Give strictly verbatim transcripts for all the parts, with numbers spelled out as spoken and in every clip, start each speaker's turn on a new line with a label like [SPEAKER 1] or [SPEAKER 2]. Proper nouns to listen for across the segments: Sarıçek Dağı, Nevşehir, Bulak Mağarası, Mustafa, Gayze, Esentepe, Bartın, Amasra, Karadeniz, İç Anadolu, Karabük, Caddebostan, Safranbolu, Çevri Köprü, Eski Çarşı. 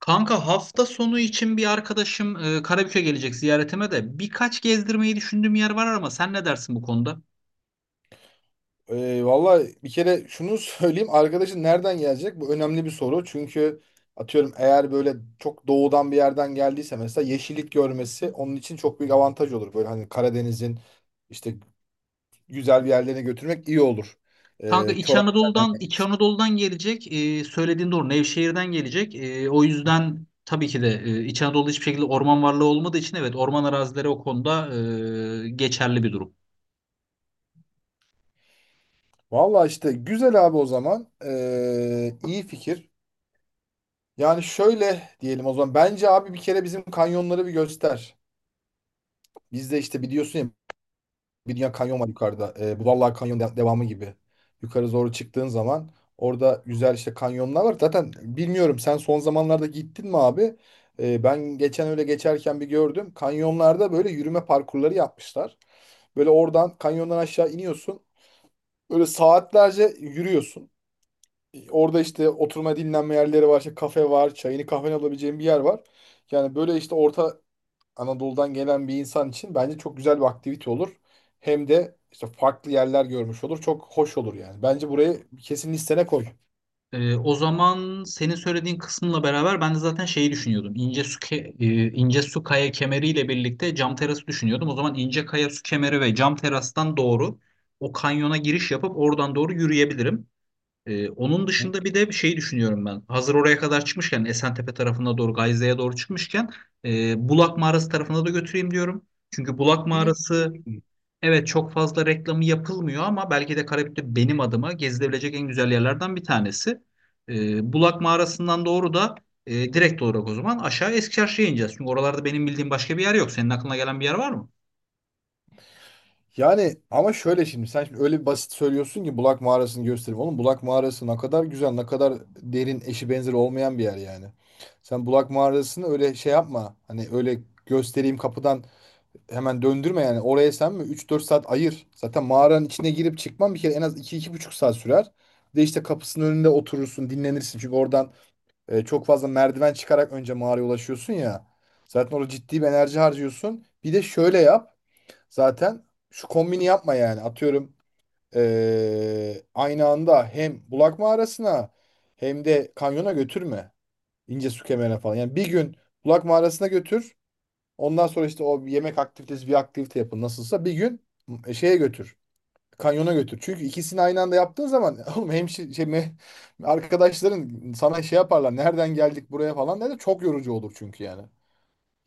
[SPEAKER 1] Kanka hafta sonu için bir arkadaşım e, Karabük'e gelecek, ziyaretime de birkaç gezdirmeyi düşündüğüm yer var ama sen ne dersin bu konuda?
[SPEAKER 2] Ee, Valla bir kere şunu söyleyeyim. Arkadaşın nereden gelecek? Bu önemli bir soru. Çünkü atıyorum eğer böyle çok doğudan bir yerden geldiyse mesela yeşillik görmesi onun için çok büyük avantaj olur. Böyle hani Karadeniz'in işte güzel bir yerlerine götürmek iyi olur.
[SPEAKER 1] Kanka
[SPEAKER 2] Ee,
[SPEAKER 1] İç
[SPEAKER 2] Çorak.
[SPEAKER 1] Anadolu'dan İç Anadolu'dan gelecek. E, söylediğin doğru. Nevşehir'den gelecek. E, o yüzden tabii ki de e, İç Anadolu'da hiçbir şekilde orman varlığı olmadığı için, evet, orman arazileri o konuda e, geçerli bir durum.
[SPEAKER 2] Valla işte güzel abi o zaman. Ee, iyi fikir. Yani şöyle diyelim o zaman. Bence abi bir kere bizim kanyonları bir göster. Bizde işte biliyorsun ya, bir dünya kanyon var yukarıda. E, Budallar Kanyon de- devamı gibi. Yukarı doğru çıktığın zaman orada güzel işte kanyonlar var. Zaten bilmiyorum, sen son zamanlarda gittin mi abi? E, ben geçen öyle geçerken bir gördüm. Kanyonlarda böyle yürüme parkurları yapmışlar. Böyle oradan kanyondan aşağı iniyorsun. Böyle saatlerce yürüyorsun. E, Orada işte oturma dinlenme yerleri var. İşte kafe var. Çayını kahveni alabileceğin bir yer var. Yani böyle işte orta Anadolu'dan gelen bir insan için bence çok güzel bir aktivite olur. Hem de işte farklı yerler görmüş olur. Çok hoş olur yani. Bence burayı kesin listene koy.
[SPEAKER 1] Ee, o zaman senin söylediğin kısmıyla beraber ben de zaten şeyi düşünüyordum. İnce su ke- e, ince su kaya kemeriyle birlikte cam terası düşünüyordum. O zaman ince kaya su kemeri ve cam terastan doğru o kanyona giriş yapıp oradan doğru yürüyebilirim. Ee, onun dışında bir de bir şey düşünüyorum ben. Hazır oraya kadar çıkmışken Esentepe tarafına doğru, Gayze'ye doğru çıkmışken, e, Bulak Mağarası tarafına da götüreyim diyorum. Çünkü Bulak Mağarası, evet, çok fazla reklamı yapılmıyor ama belki de Karabük'te benim adıma gezilebilecek en güzel yerlerden bir tanesi. Ee, Bulak Mağarası'ndan doğru da e, direkt olarak o zaman aşağı Eski Çarşı'ya ineceğiz. Çünkü oralarda benim bildiğim başka bir yer yok. Senin aklına gelen bir yer var mı?
[SPEAKER 2] Yani ama şöyle, şimdi sen şimdi öyle bir basit söylüyorsun ki Bulak Mağarası'nı göstereyim. Oğlum Bulak Mağarası ne kadar güzel, ne kadar derin, eşi benzeri olmayan bir yer yani. Sen Bulak Mağarası'nı öyle şey yapma. Hani öyle göstereyim kapıdan hemen döndürme yani. Oraya sen mi üç dört saat ayır. Zaten mağaranın içine girip çıkman bir kere en az iki iki buçuk saat sürer. Bir de işte kapısının önünde oturursun, dinlenirsin. Çünkü oradan e, çok fazla merdiven çıkarak önce mağaraya ulaşıyorsun ya. Zaten orada ciddi bir enerji harcıyorsun. Bir de şöyle yap. Zaten şu kombini yapma yani. Atıyorum e, aynı anda hem Bulak Mağarası'na hem de kanyona götürme. İnce su kemerine falan. Yani bir gün Bulak Mağarası'na götür. Ondan sonra işte o yemek aktivitesi bir aktivite yapın nasılsa, bir gün e, şeye götür. Kanyona götür. Çünkü ikisini aynı anda yaptığın zaman oğlum hemşi şey me- arkadaşların sana şey yaparlar. Nereden geldik buraya falan derler. Çok yorucu olur çünkü yani.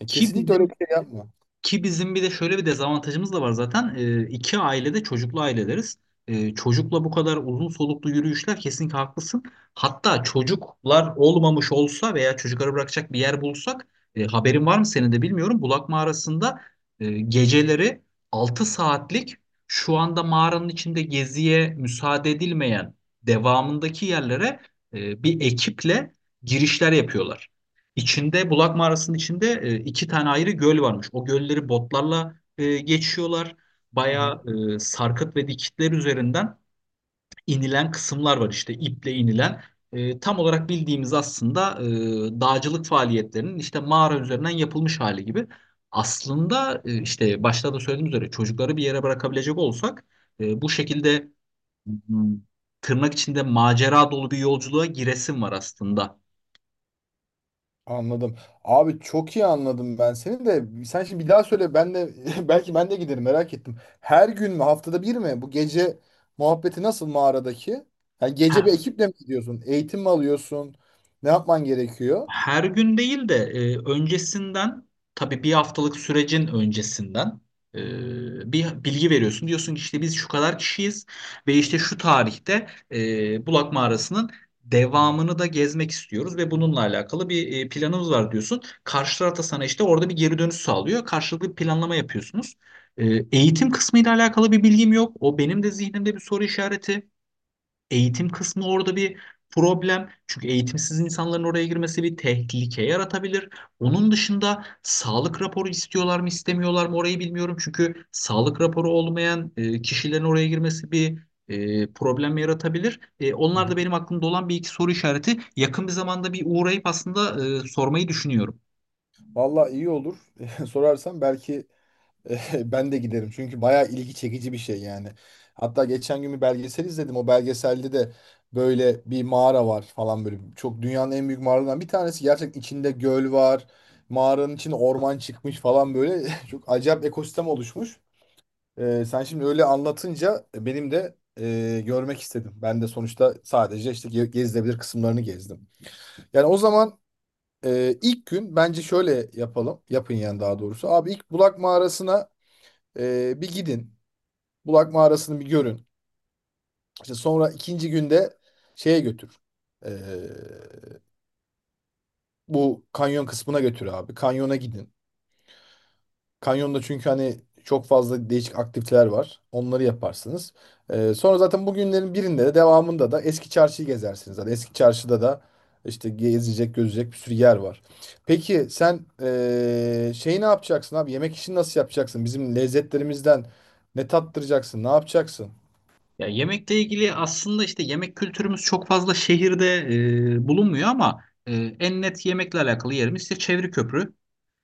[SPEAKER 2] E,
[SPEAKER 1] Ki
[SPEAKER 2] kesinlikle öyle
[SPEAKER 1] bizim
[SPEAKER 2] bir şey yapma.
[SPEAKER 1] Ki bizim bir de şöyle bir dezavantajımız da var zaten. Ee, iki ailede çocuklu aileleriz. Ee, çocukla bu kadar uzun soluklu yürüyüşler, kesinlikle haklısın. Hatta çocuklar olmamış olsa veya çocukları bırakacak bir yer bulsak, e, haberin var mı senin de bilmiyorum. Bulak mağarasında e, geceleri altı saatlik, şu anda mağaranın içinde geziye müsaade edilmeyen devamındaki yerlere e, bir ekiple girişler yapıyorlar. İçinde, Bulak Mağarası'nın içinde e, iki tane ayrı göl varmış. O gölleri botlarla e, geçiyorlar.
[SPEAKER 2] Hı hı.
[SPEAKER 1] Bayağı e, sarkıt ve dikitler üzerinden inilen kısımlar var, işte iple inilen. E, tam olarak bildiğimiz aslında e, dağcılık faaliyetlerinin işte mağara üzerinden yapılmış hali gibi. Aslında e, işte başta da söylediğim üzere çocukları bir yere bırakabilecek olsak, e, bu şekilde, m, tırnak içinde macera dolu bir yolculuğa giresim var aslında.
[SPEAKER 2] Anladım. Abi çok iyi anladım ben seni de. Sen şimdi bir daha söyle, ben de belki ben de giderim, merak ettim. Her gün mü, haftada bir mi? Bu gece muhabbeti nasıl mağaradaki? Yani gece bir
[SPEAKER 1] Ha,
[SPEAKER 2] ekiple mi gidiyorsun? Eğitim mi alıyorsun? Ne yapman gerekiyor?
[SPEAKER 1] her gün değil de e, öncesinden, tabii bir haftalık sürecin öncesinden, e, bir bilgi veriyorsun. Diyorsun ki işte biz şu kadar kişiyiz ve
[SPEAKER 2] Hı
[SPEAKER 1] işte
[SPEAKER 2] hı.
[SPEAKER 1] şu tarihte e, Bulak Mağarası'nın devamını da gezmek istiyoruz ve bununla alakalı bir e, planımız var diyorsun. Karşı taraf da sana işte orada bir geri dönüş sağlıyor. Karşılıklı bir planlama yapıyorsunuz. E, Eğitim kısmıyla alakalı bir bilgim yok. O benim de zihnimde bir soru işareti. Eğitim kısmı orada bir problem. Çünkü eğitimsiz insanların oraya girmesi bir tehlike yaratabilir. Onun dışında sağlık raporu istiyorlar mı istemiyorlar mı orayı bilmiyorum. Çünkü sağlık raporu olmayan e, kişilerin oraya girmesi bir e, problem yaratabilir. E,
[SPEAKER 2] Hı
[SPEAKER 1] onlar
[SPEAKER 2] hı.
[SPEAKER 1] da benim aklımda olan bir iki soru işareti. Yakın bir zamanda bir uğrayıp aslında e, sormayı düşünüyorum.
[SPEAKER 2] Vallahi iyi olur. Sorarsan belki ben de giderim çünkü bayağı ilgi çekici bir şey yani. Hatta geçen gün bir belgesel izledim. O belgeselde de böyle bir mağara var falan böyle. Çok dünyanın en büyük mağaralarından bir tanesi. Gerçekten içinde göl var. Mağaranın içine orman çıkmış falan böyle. Çok acayip ekosistem oluşmuş. Ee, sen şimdi öyle anlatınca benim de e, görmek istedim. Ben de sonuçta sadece işte ge- gezilebilir kısımlarını gezdim. Yani o zaman e, ilk gün bence şöyle yapalım. Yapın yani daha doğrusu. Abi ilk Bulak Mağarası'na e, bir gidin. Bulak mağarasını bir görün. İşte sonra ikinci günde şeye götür. Ee, Bu kanyon kısmına götür abi. Kanyona gidin. Kanyonda çünkü hani çok fazla değişik aktiviteler var. Onları yaparsınız. Ee, sonra zaten bugünlerin birinde de devamında da eski çarşıyı gezersiniz. Zaten eski çarşıda da işte gezecek, gözecek bir sürü yer var. Peki sen ee, şeyi ne yapacaksın abi? Yemek işini nasıl yapacaksın? Bizim lezzetlerimizden ne tattıracaksın? Ne yapacaksın?
[SPEAKER 1] Ya, yemekle ilgili aslında işte yemek kültürümüz çok fazla şehirde e, bulunmuyor ama e, en net yemekle alakalı yerimiz işte Çevri Köprü.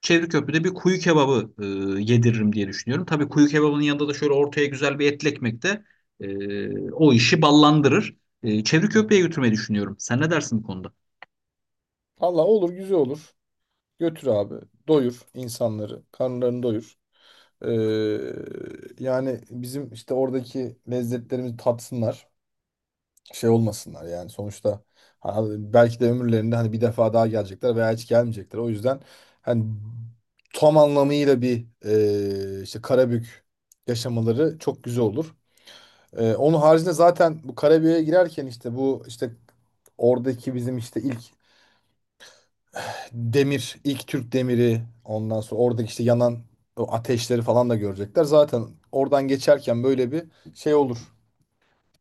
[SPEAKER 1] Çevri Köprü'de bir kuyu kebabı e, yediririm diye düşünüyorum. Tabii kuyu kebabının yanında da şöyle ortaya güzel bir etli ekmek de e, o işi ballandırır. E, Çevri Köprü'ye
[SPEAKER 2] Hı.
[SPEAKER 1] götürmeyi düşünüyorum. Sen ne dersin bu konuda?
[SPEAKER 2] Valla olur, güzel olur. Götür abi. Doyur insanları. Karnlarını doyur. Ee, yani bizim işte oradaki lezzetlerimizi tatsınlar. Şey olmasınlar yani sonuçta, ha, belki de ömürlerinde hani bir defa daha gelecekler veya hiç gelmeyecekler. O yüzden hani tam anlamıyla bir e, işte Karabük yaşamaları çok güzel olur. Ee, onun haricinde zaten bu Karabük'e girerken işte bu işte oradaki bizim işte ilk demir, ilk Türk demiri, ondan sonra oradaki işte yanan o ateşleri falan da görecekler. Zaten oradan geçerken böyle bir şey olur.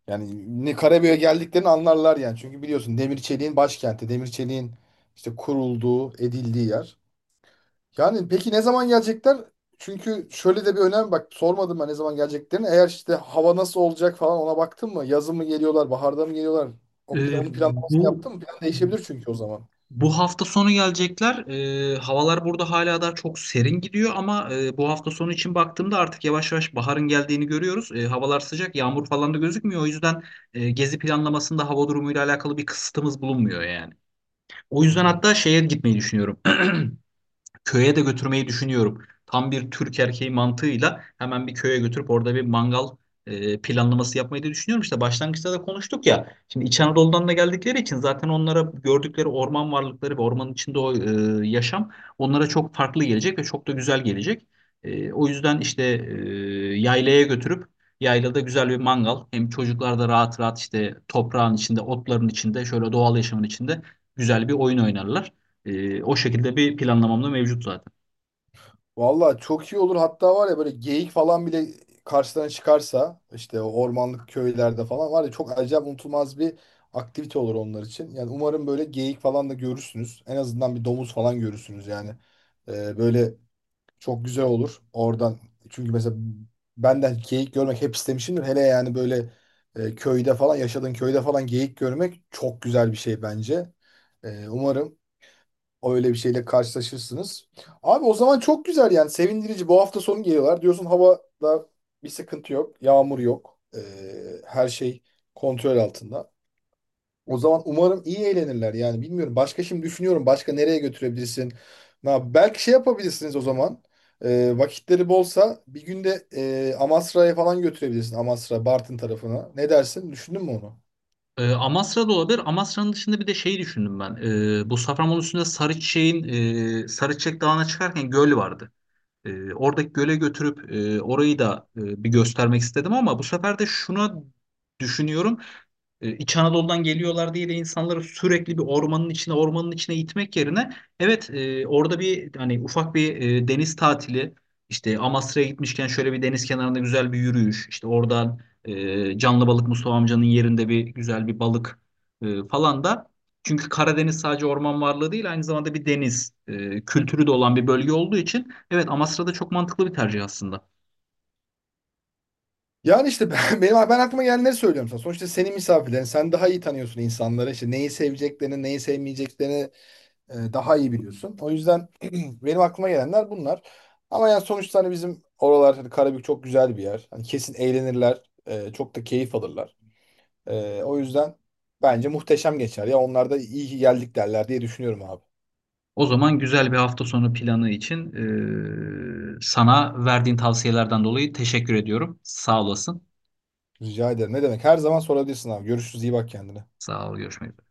[SPEAKER 2] Yani ne Karabük'e geldiklerini anlarlar yani. Çünkü biliyorsun demir çeliğin başkenti, demir çeliğin işte kurulduğu, edildiği yer. Yani peki ne zaman gelecekler? Çünkü şöyle de bir önem, bak sormadım ben ne zaman geleceklerini. Eğer işte hava nasıl olacak falan, ona baktın mı? Yazın mı geliyorlar, baharda mı geliyorlar? O
[SPEAKER 1] E,
[SPEAKER 2] plan, onun
[SPEAKER 1] bu
[SPEAKER 2] planlamasını yaptın mı? Plan değişebilir çünkü o zaman.
[SPEAKER 1] Bu hafta sonu gelecekler. Ee, havalar burada hala da çok serin gidiyor ama e, bu hafta sonu için baktığımda artık yavaş yavaş baharın geldiğini görüyoruz. Ee, havalar sıcak, yağmur falan da gözükmüyor. O yüzden e, gezi planlamasında hava durumuyla alakalı bir kısıtımız bulunmuyor yani. O yüzden
[SPEAKER 2] Hmm.
[SPEAKER 1] hatta şeye gitmeyi düşünüyorum. Köye de götürmeyi düşünüyorum. Tam bir Türk erkeği mantığıyla hemen bir köye götürüp orada bir mangal e, planlaması yapmayı da düşünüyorum. İşte başlangıçta da konuştuk ya. Şimdi İç Anadolu'dan da geldikleri için zaten onlara gördükleri orman varlıkları ve ormanın içinde o e, yaşam onlara çok farklı gelecek ve çok da güzel gelecek. E, o yüzden işte e, yaylaya götürüp yaylada güzel bir mangal, hem çocuklar da rahat rahat işte toprağın içinde, otların içinde, şöyle doğal yaşamın içinde güzel bir oyun oynarlar. E, o şekilde bir planlamam da mevcut zaten.
[SPEAKER 2] Valla çok iyi olur. Hatta var ya böyle geyik falan bile karşılarına çıkarsa işte o ormanlık köylerde falan var ya, çok acayip unutulmaz bir aktivite olur onlar için. Yani umarım böyle geyik falan da görürsünüz. En azından bir domuz falan görürsünüz yani. Ee, böyle çok güzel olur oradan. Çünkü mesela ben de geyik görmek hep istemişimdir. Hele yani böyle e, köyde falan yaşadığın köyde falan geyik görmek çok güzel bir şey bence. Ee, umarım. Öyle bir şeyle karşılaşırsınız. Abi o zaman çok güzel yani, sevindirici. Bu hafta sonu geliyorlar. Diyorsun havada bir sıkıntı yok. Yağmur yok. Ee, her şey kontrol altında. O zaman umarım iyi eğlenirler yani bilmiyorum. Başka şimdi düşünüyorum. Başka nereye götürebilirsin? Na, belki şey yapabilirsiniz o zaman. Ee, vakitleri bolsa bir günde e, Amasra'ya falan götürebilirsin. Amasra, Bartın tarafına. Ne dersin? Düşündün mü onu?
[SPEAKER 1] E, Amasra da olabilir. Amasra'nın dışında bir de şey düşündüm ben. E, bu Safranbolu üstünde Sarıçek'in e, Sarıçek Dağı'na çıkarken göl vardı. E, oradaki göle götürüp e, orayı da e, bir göstermek istedim ama bu sefer de şuna düşünüyorum. e, İç Anadolu'dan geliyorlar diye de insanları sürekli bir ormanın içine ormanın içine itmek yerine, evet, e, orada bir hani ufak bir e, deniz tatili, işte Amasra'ya gitmişken şöyle bir deniz kenarında güzel bir yürüyüş, işte oradan e, canlı balık Mustafa amcanın yerinde bir güzel bir balık e, falan da, çünkü Karadeniz sadece orman varlığı değil, aynı zamanda bir deniz e, kültürü de olan bir bölge olduğu için, evet, Amasra'da çok mantıklı bir tercih aslında.
[SPEAKER 2] Yani işte ben, benim, ben aklıma gelenleri söylüyorum sana. Sonuçta senin misafirlerin. Sen daha iyi tanıyorsun insanları. İşte neyi seveceklerini, neyi sevmeyeceklerini e, daha iyi biliyorsun. O yüzden benim aklıma gelenler bunlar. Ama yani sonuçta hani bizim oralar, hani Karabük çok güzel bir yer. Hani kesin eğlenirler, e, çok da keyif alırlar. E, o yüzden bence muhteşem geçer. Ya onlar da iyi ki geldik derler diye düşünüyorum abi.
[SPEAKER 1] O zaman güzel bir hafta sonu planı için e, sana verdiğin tavsiyelerden dolayı teşekkür ediyorum. Sağ olasın.
[SPEAKER 2] Rica ederim. Ne demek? Her zaman sorabilirsin abi. Görüşürüz. İyi bak kendine.
[SPEAKER 1] Sağ ol, görüşmek üzere.